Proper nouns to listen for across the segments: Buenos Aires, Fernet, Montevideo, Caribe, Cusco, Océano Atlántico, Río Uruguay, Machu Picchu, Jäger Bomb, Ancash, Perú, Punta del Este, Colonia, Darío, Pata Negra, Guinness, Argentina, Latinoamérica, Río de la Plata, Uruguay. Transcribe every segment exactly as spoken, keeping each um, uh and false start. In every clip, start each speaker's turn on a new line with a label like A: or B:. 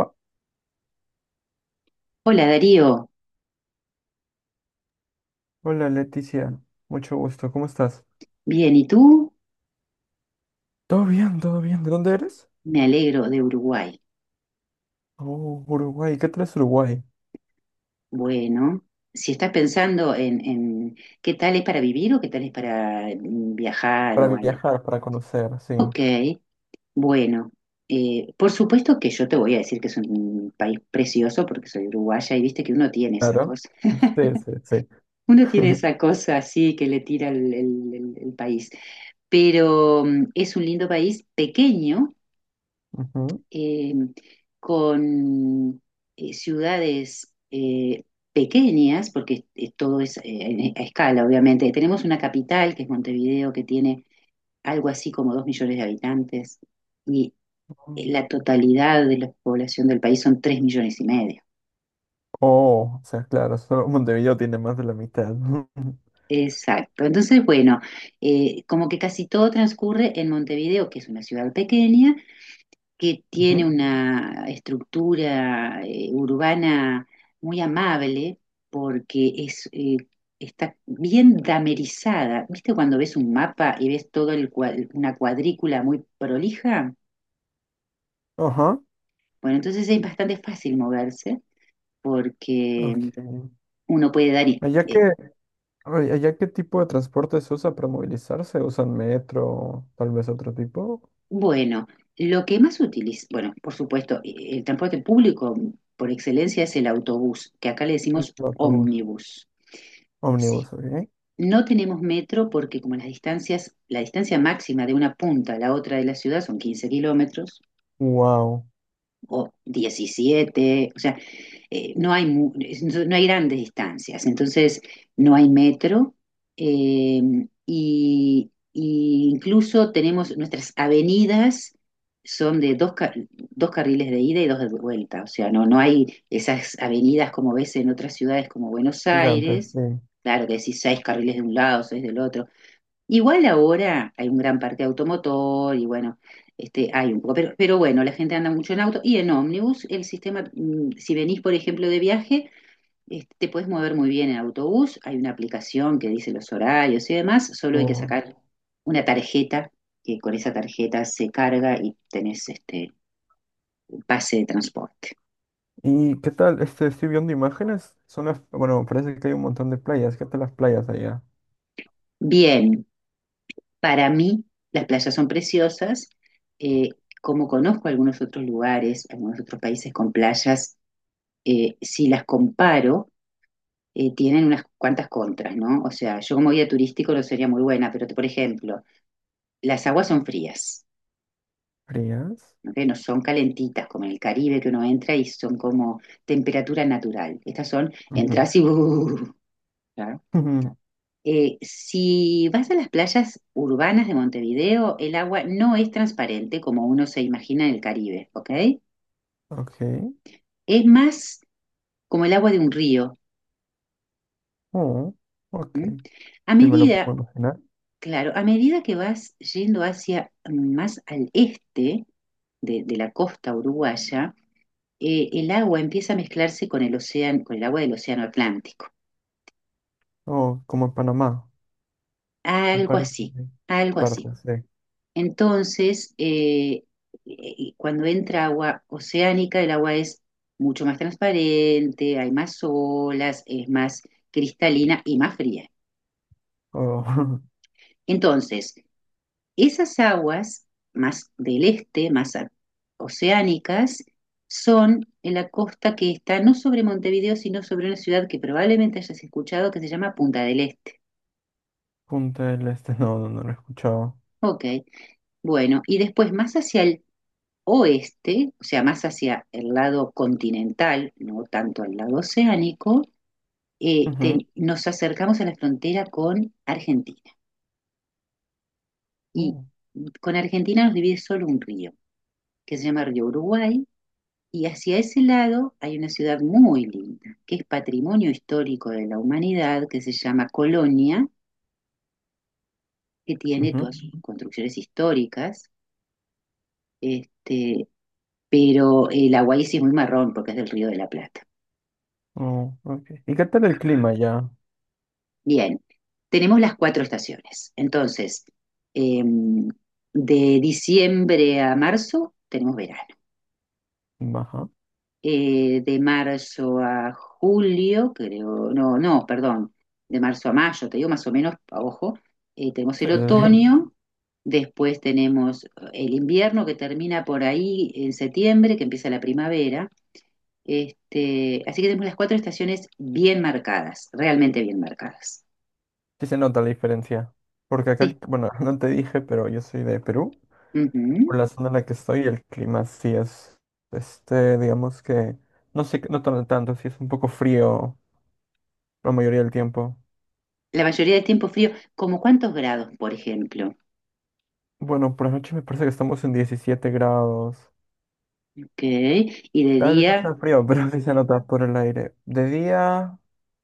A: Va.
B: Hola Darío,
A: Hola Leticia, mucho gusto, ¿cómo estás?
B: bien, ¿y tú?
A: Todo bien, todo bien. ¿De dónde eres?
B: Me alegro de Uruguay.
A: Oh, Uruguay. ¿Qué tal es Uruguay?
B: Bueno, si estás pensando en, en qué tal es para vivir o qué tal es para mm, viajar
A: Para
B: o algo.
A: viajar, para conocer, sí.
B: Ok, bueno, eh, por supuesto que yo te voy a decir que es un país precioso porque soy uruguaya y viste que uno tiene esa
A: Claro.
B: cosa.
A: Sí, sí, sí.
B: Uno tiene esa cosa así que le tira el, el- el- el país, pero mm, es un lindo país pequeño
A: Ujú.
B: eh, con eh, ciudades eh, pequeñas, porque eh, todo es eh, a escala, obviamente. Tenemos una capital, que es Montevideo, que tiene algo así como dos millones de habitantes, y la totalidad de la población del país son tres millones y medio.
A: Oh, o sea, claro, solo Montevideo tiene más de la mitad.
B: Exacto. Entonces, bueno, eh, como que casi todo transcurre en Montevideo, que es una ciudad pequeña, que tiene
A: Ujú.
B: una estructura eh, urbana muy amable porque es, eh, está bien damerizada. ¿Viste cuando ves un mapa y ves todo el cua- una cuadrícula muy prolija?
A: Ajá,
B: Bueno, entonces es bastante fácil moverse porque
A: ok.
B: uno puede dar... i-
A: ¿Allá
B: eh,
A: qué, ay, allá qué tipo de transporte se usa para movilizarse? ¿Usan metro, tal vez otro tipo?
B: bueno, lo que más utiliza, bueno, por supuesto, eh, el transporte público por excelencia es el autobús, que acá le
A: El
B: decimos
A: autobús.
B: ómnibus. Sí.
A: Ómnibus, ok.
B: No tenemos metro porque como las distancias, la distancia máxima de una punta a la otra de la ciudad son quince kilómetros
A: Wow,
B: o diecisiete, o sea, eh, no hay, mu- no hay grandes distancias, entonces no hay metro. eh, y, y incluso tenemos nuestras avenidas son de dos, ca- dos carriles de ida y dos de vuelta, o sea, no, no hay esas avenidas como ves en otras ciudades como Buenos
A: gigante,
B: Aires.
A: sí.
B: Claro que decís seis carriles de un lado, seis del otro. Igual ahora hay un gran parque automotor y bueno, este, hay un poco, pero, pero bueno, la gente anda mucho en auto y en ómnibus. El sistema, mm, si venís por ejemplo de viaje, este, te puedes mover muy bien en autobús, hay una aplicación que dice los horarios y demás, solo hay que
A: Oh.
B: sacar una tarjeta, que con esa tarjeta se carga y tenés este un pase de transporte.
A: ¿Y qué tal? Este, estoy viendo imágenes. Son las, bueno, parece que hay un montón de playas. ¿Qué tal las playas allá?
B: Bien, para mí las playas son preciosas, eh, como conozco algunos otros lugares, algunos otros países con playas, eh, si las comparo, eh, tienen unas cuantas contras, ¿no? O sea, yo como guía turístico no sería muy buena, pero te- por ejemplo, las aguas son frías,
A: ¿Frías?
B: ¿ok? No son calentitas, como en el Caribe que uno entra y son como temperatura natural. Estas son,
A: Ujú.
B: entras y ¡uh! Claro.
A: Ujú.
B: Eh, si vas a las playas urbanas de Montevideo, el agua no es transparente como uno se imagina en el Caribe, ¿ok?
A: Ok.
B: Es más como el agua de un río.
A: Oh, ok.
B: ¿M? A
A: Sí, me lo
B: medida
A: puedo imaginar.
B: Claro, a medida que vas yendo hacia mm, más al este de, de la costa uruguaya, eh, el agua empieza a mezclarse con el océano, con el agua del océano Atlántico.
A: Oh, como en Panamá. Me
B: Algo
A: parece.
B: así,
A: Que
B: algo
A: parte,
B: así.
A: sí.
B: Entonces, eh, eh, cuando entra agua oceánica, el agua es mucho más transparente, hay más olas, es más cristalina y más fría.
A: Oh,
B: Entonces, esas aguas más del este, más a- oceánicas, son en la costa que está no sobre Montevideo, sino sobre una ciudad que probablemente hayas escuchado que se llama Punta del Este.
A: Punta del Este. No, no, no lo he escuchado.
B: Ok, bueno, y después más hacia el oeste, o sea, más hacia el lado continental, no tanto al lado oceánico, eh,
A: Ujú.
B: te- nos acercamos a la frontera con Argentina. Y
A: Oh,
B: con Argentina nos divide solo un río, que se llama Río Uruguay. Y hacia ese lado hay una ciudad muy linda, que es patrimonio histórico de la humanidad, que se llama Colonia, que tiene
A: ujú.
B: todas sus construcciones históricas, este, pero el Aguaí sí es muy marrón porque es del Río de la Plata.
A: Oh, ok. ¿Y qué tal el clima ya?
B: Bien, tenemos las cuatro estaciones. Entonces, eh, de diciembre a marzo tenemos verano.
A: Baja.
B: Eh, de marzo a julio, creo, no, no, perdón, de marzo a mayo, te digo más o menos, a ojo, eh, tenemos
A: Sí,
B: el
A: sí, sí.
B: otoño, después tenemos eh, el invierno que termina por ahí en septiembre, que empieza la primavera, este, así que tenemos las cuatro estaciones bien marcadas, realmente bien marcadas.
A: Sí se nota la diferencia. Porque acá, el-
B: Sí.
A: bueno, no te dije, pero yo soy de Perú.
B: Ujú.
A: Por la zona en la que estoy, el clima sí es, este, digamos que, no sé, no tan no tanto, sí es un poco frío la mayoría del tiempo.
B: La mayoría del tiempo frío, como cuántos grados, por ejemplo,
A: Bueno, por la noche me parece que estamos en diecisiete grados.
B: ¿ok? ¿Y de
A: Tal vez no
B: día?
A: sea frío, pero sí se nota por el aire. De día,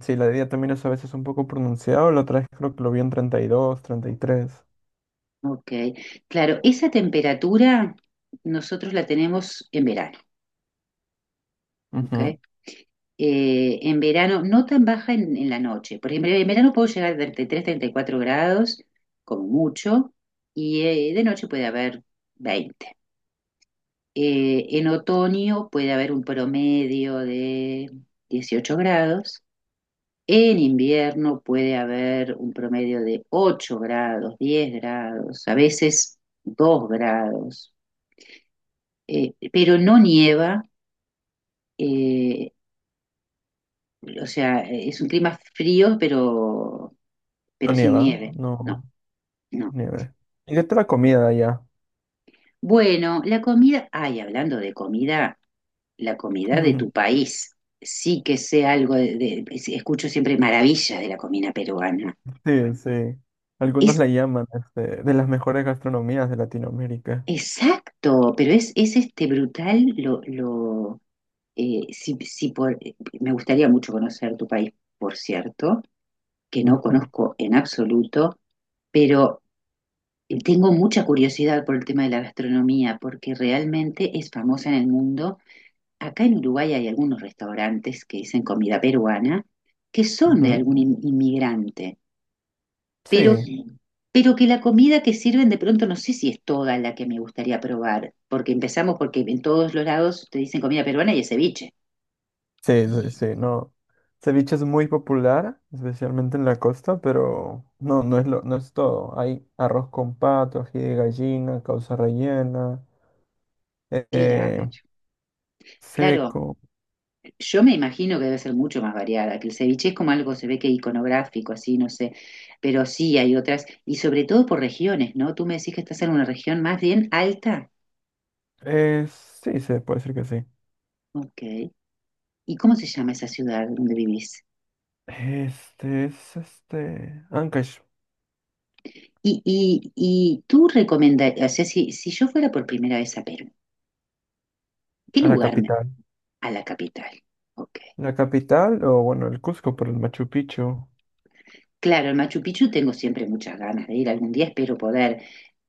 A: sí, la de día también es a veces un poco pronunciado, la otra vez creo que lo vi en treinta y dos, treinta y tres.
B: Ok, claro, esa temperatura nosotros la tenemos en verano, ¿ok?
A: Ujú.
B: Eh, en verano, no tan baja en, en la noche. Por ejemplo, en verano puedo llegar a treinta y tres, treinta y cuatro grados, como mucho, y eh, de noche puede haber veinte. Eh, en otoño puede haber un promedio de dieciocho grados. En invierno puede haber un promedio de ocho grados, diez grados, a veces dos grados. Eh, pero no nieva, eh, o sea, eh, es un clima frío, pero,
A: No
B: pero sin
A: nieva,
B: nieve.
A: no
B: No,
A: sí
B: no.
A: nieve. ¿Y qué tal la comida allá?
B: Bueno, la comida, ay, hablando de comida, la comida de tu país, sí que sé algo, de, de- escucho siempre maravillas de la comida peruana.
A: Sí, sí. Algunos
B: Es
A: la llaman este, de las mejores gastronomías de Latinoamérica.
B: exacto, pero es, es este brutal lo, lo eh, si, si por, eh, me gustaría mucho conocer tu país, por cierto, que no
A: Ujú,
B: conozco en absoluto. Pero Y Tengo mucha curiosidad por el tema de la gastronomía, porque realmente es famosa en el mundo. Acá en Uruguay hay algunos restaurantes que dicen comida peruana, que son de
A: ujú.
B: algún in- inmigrante, pero,
A: Sí,
B: Sí. Pero que la comida que sirven de pronto no sé si es toda la que me gustaría probar, porque empezamos porque en todos los lados te dicen comida peruana y es ceviche.
A: sí, sí, sí, no. Ceviche es muy popular, especialmente en la costa, pero no, no es lo, no es todo. Hay arroz con pato, ají de gallina, causa rellena,
B: Claro,
A: eh,
B: claro.
A: seco.
B: Yo me imagino que debe ser mucho más variada, que el ceviche es como algo, se ve que iconográfico, así, no sé, pero sí hay otras, y sobre todo por regiones, ¿no? Tú me decís que estás en una región más bien alta.
A: Eh, sí, se puede decir que sí.
B: Ok. ¿Y cómo se llama esa ciudad donde vivís?
A: Este es este Ancash,
B: Y, y, y tú recomendarías, o sea, si, si yo fuera por primera vez a Perú, ¿qué
A: a la
B: lugar me-
A: capital.
B: a la capital? Ok.
A: La capital, o bueno, el Cusco por el Machu Picchu.
B: Claro, el Machu Picchu tengo siempre muchas ganas de ir, algún día espero poder,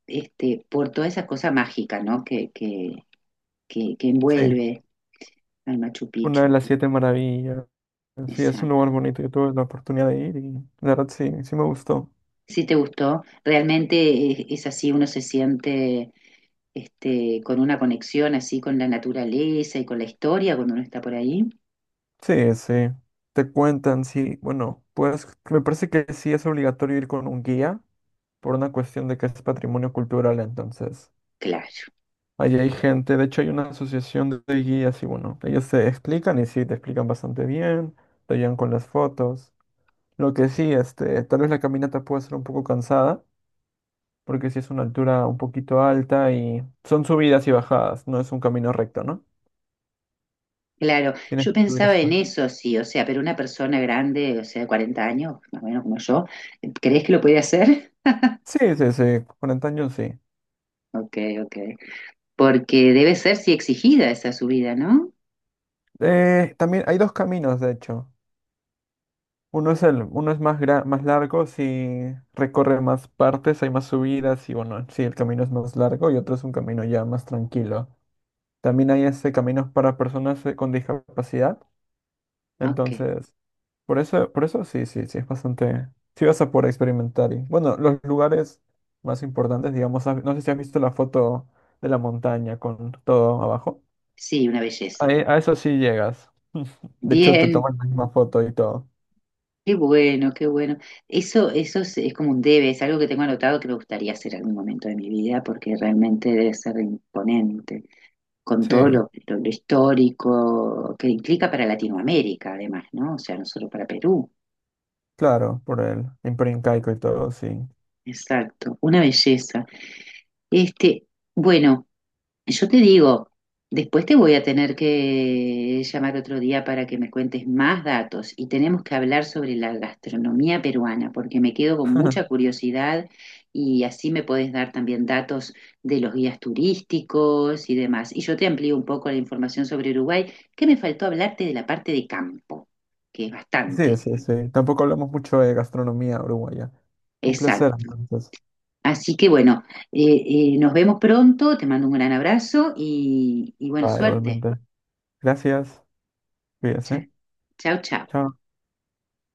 B: este, por toda esa cosa mágica, ¿no? Que, que, que, que
A: Sí.
B: envuelve. Al Machu
A: Una de
B: Picchu.
A: las siete maravillas. Sí, es un
B: Exacto.
A: lugar bonito. Yo tuve la oportunidad de ir y la verdad sí, sí me gustó.
B: Sí te gustó. Realmente es, es así, uno se siente este, con una conexión así con la naturaleza y con la historia cuando uno está por ahí.
A: Sí, sí. Te cuentan, sí. Bueno, pues me parece que sí es obligatorio ir con un guía por una cuestión de que es patrimonio cultural. Entonces,
B: Claro,
A: allí hay gente. De hecho, hay una asociación de de guías y bueno, ellos te explican y sí, te explican bastante bien. Te ayudan con las fotos. Lo que sí, este, tal vez la caminata puede ser un poco cansada. Porque sí es una altura un poquito alta y son subidas y bajadas, no es un camino recto, ¿no?
B: claro.
A: Tienes
B: Yo
A: que subir
B: pensaba en
A: escalón.
B: eso, sí, o sea, pero una persona grande, o sea, de cuarenta años, más o menos como yo, ¿crees que lo puede hacer?
A: Sí, sí, sí, con antaño sí.
B: Ok, ok. Porque debe ser, sí, exigida esa subida, ¿no?
A: Eh, también hay dos caminos, de hecho. Uno es el, uno es más gra- más largo, si recorre más partes, hay más subidas y bueno, sí, el camino es más largo y otro es un camino ya más tranquilo. También hay este caminos para personas eh, con discapacidad,
B: Ok.
A: entonces por eso, por eso sí, sí, sí, es bastante. Sí vas a poder experimentar. Y, bueno, los lugares más importantes, digamos, has- no sé si has visto la foto de la montaña con todo abajo.
B: Sí, una belleza.
A: Ahí- a eso sí llegas. De hecho, te
B: Bien.
A: toman la misma foto y todo.
B: Qué bueno, qué bueno. Eso, eso es, es como un debe, es algo que tengo anotado que me gustaría hacer en algún momento de mi vida porque realmente debe ser imponente, con todo
A: Sí,
B: lo, lo- lo histórico que implica para Latinoamérica, además, ¿no? O sea, no solo para Perú.
A: claro, por el Imperio Incaico y todo, sí.
B: Exacto, una belleza. Este, bueno. Yo te digo, después te voy a tener que llamar otro día para que me cuentes más datos y tenemos que hablar sobre la gastronomía peruana porque me quedo con mucha curiosidad y así me podés dar también datos de los guías turísticos y demás. Y yo te amplío un poco la información sobre Uruguay, que me faltó hablarte de la parte de campo, que es
A: Sí,
B: bastante.
A: sí, sí. Tampoco hablamos mucho de gastronomía uruguaya. Un placer,
B: Exacto.
A: entonces.
B: Así que bueno, eh, eh, nos vemos pronto, te mando un gran abrazo y, y bueno,
A: Va,
B: suerte.
A: igualmente. Gracias. Cuídese.
B: Chao, chao.
A: Chao.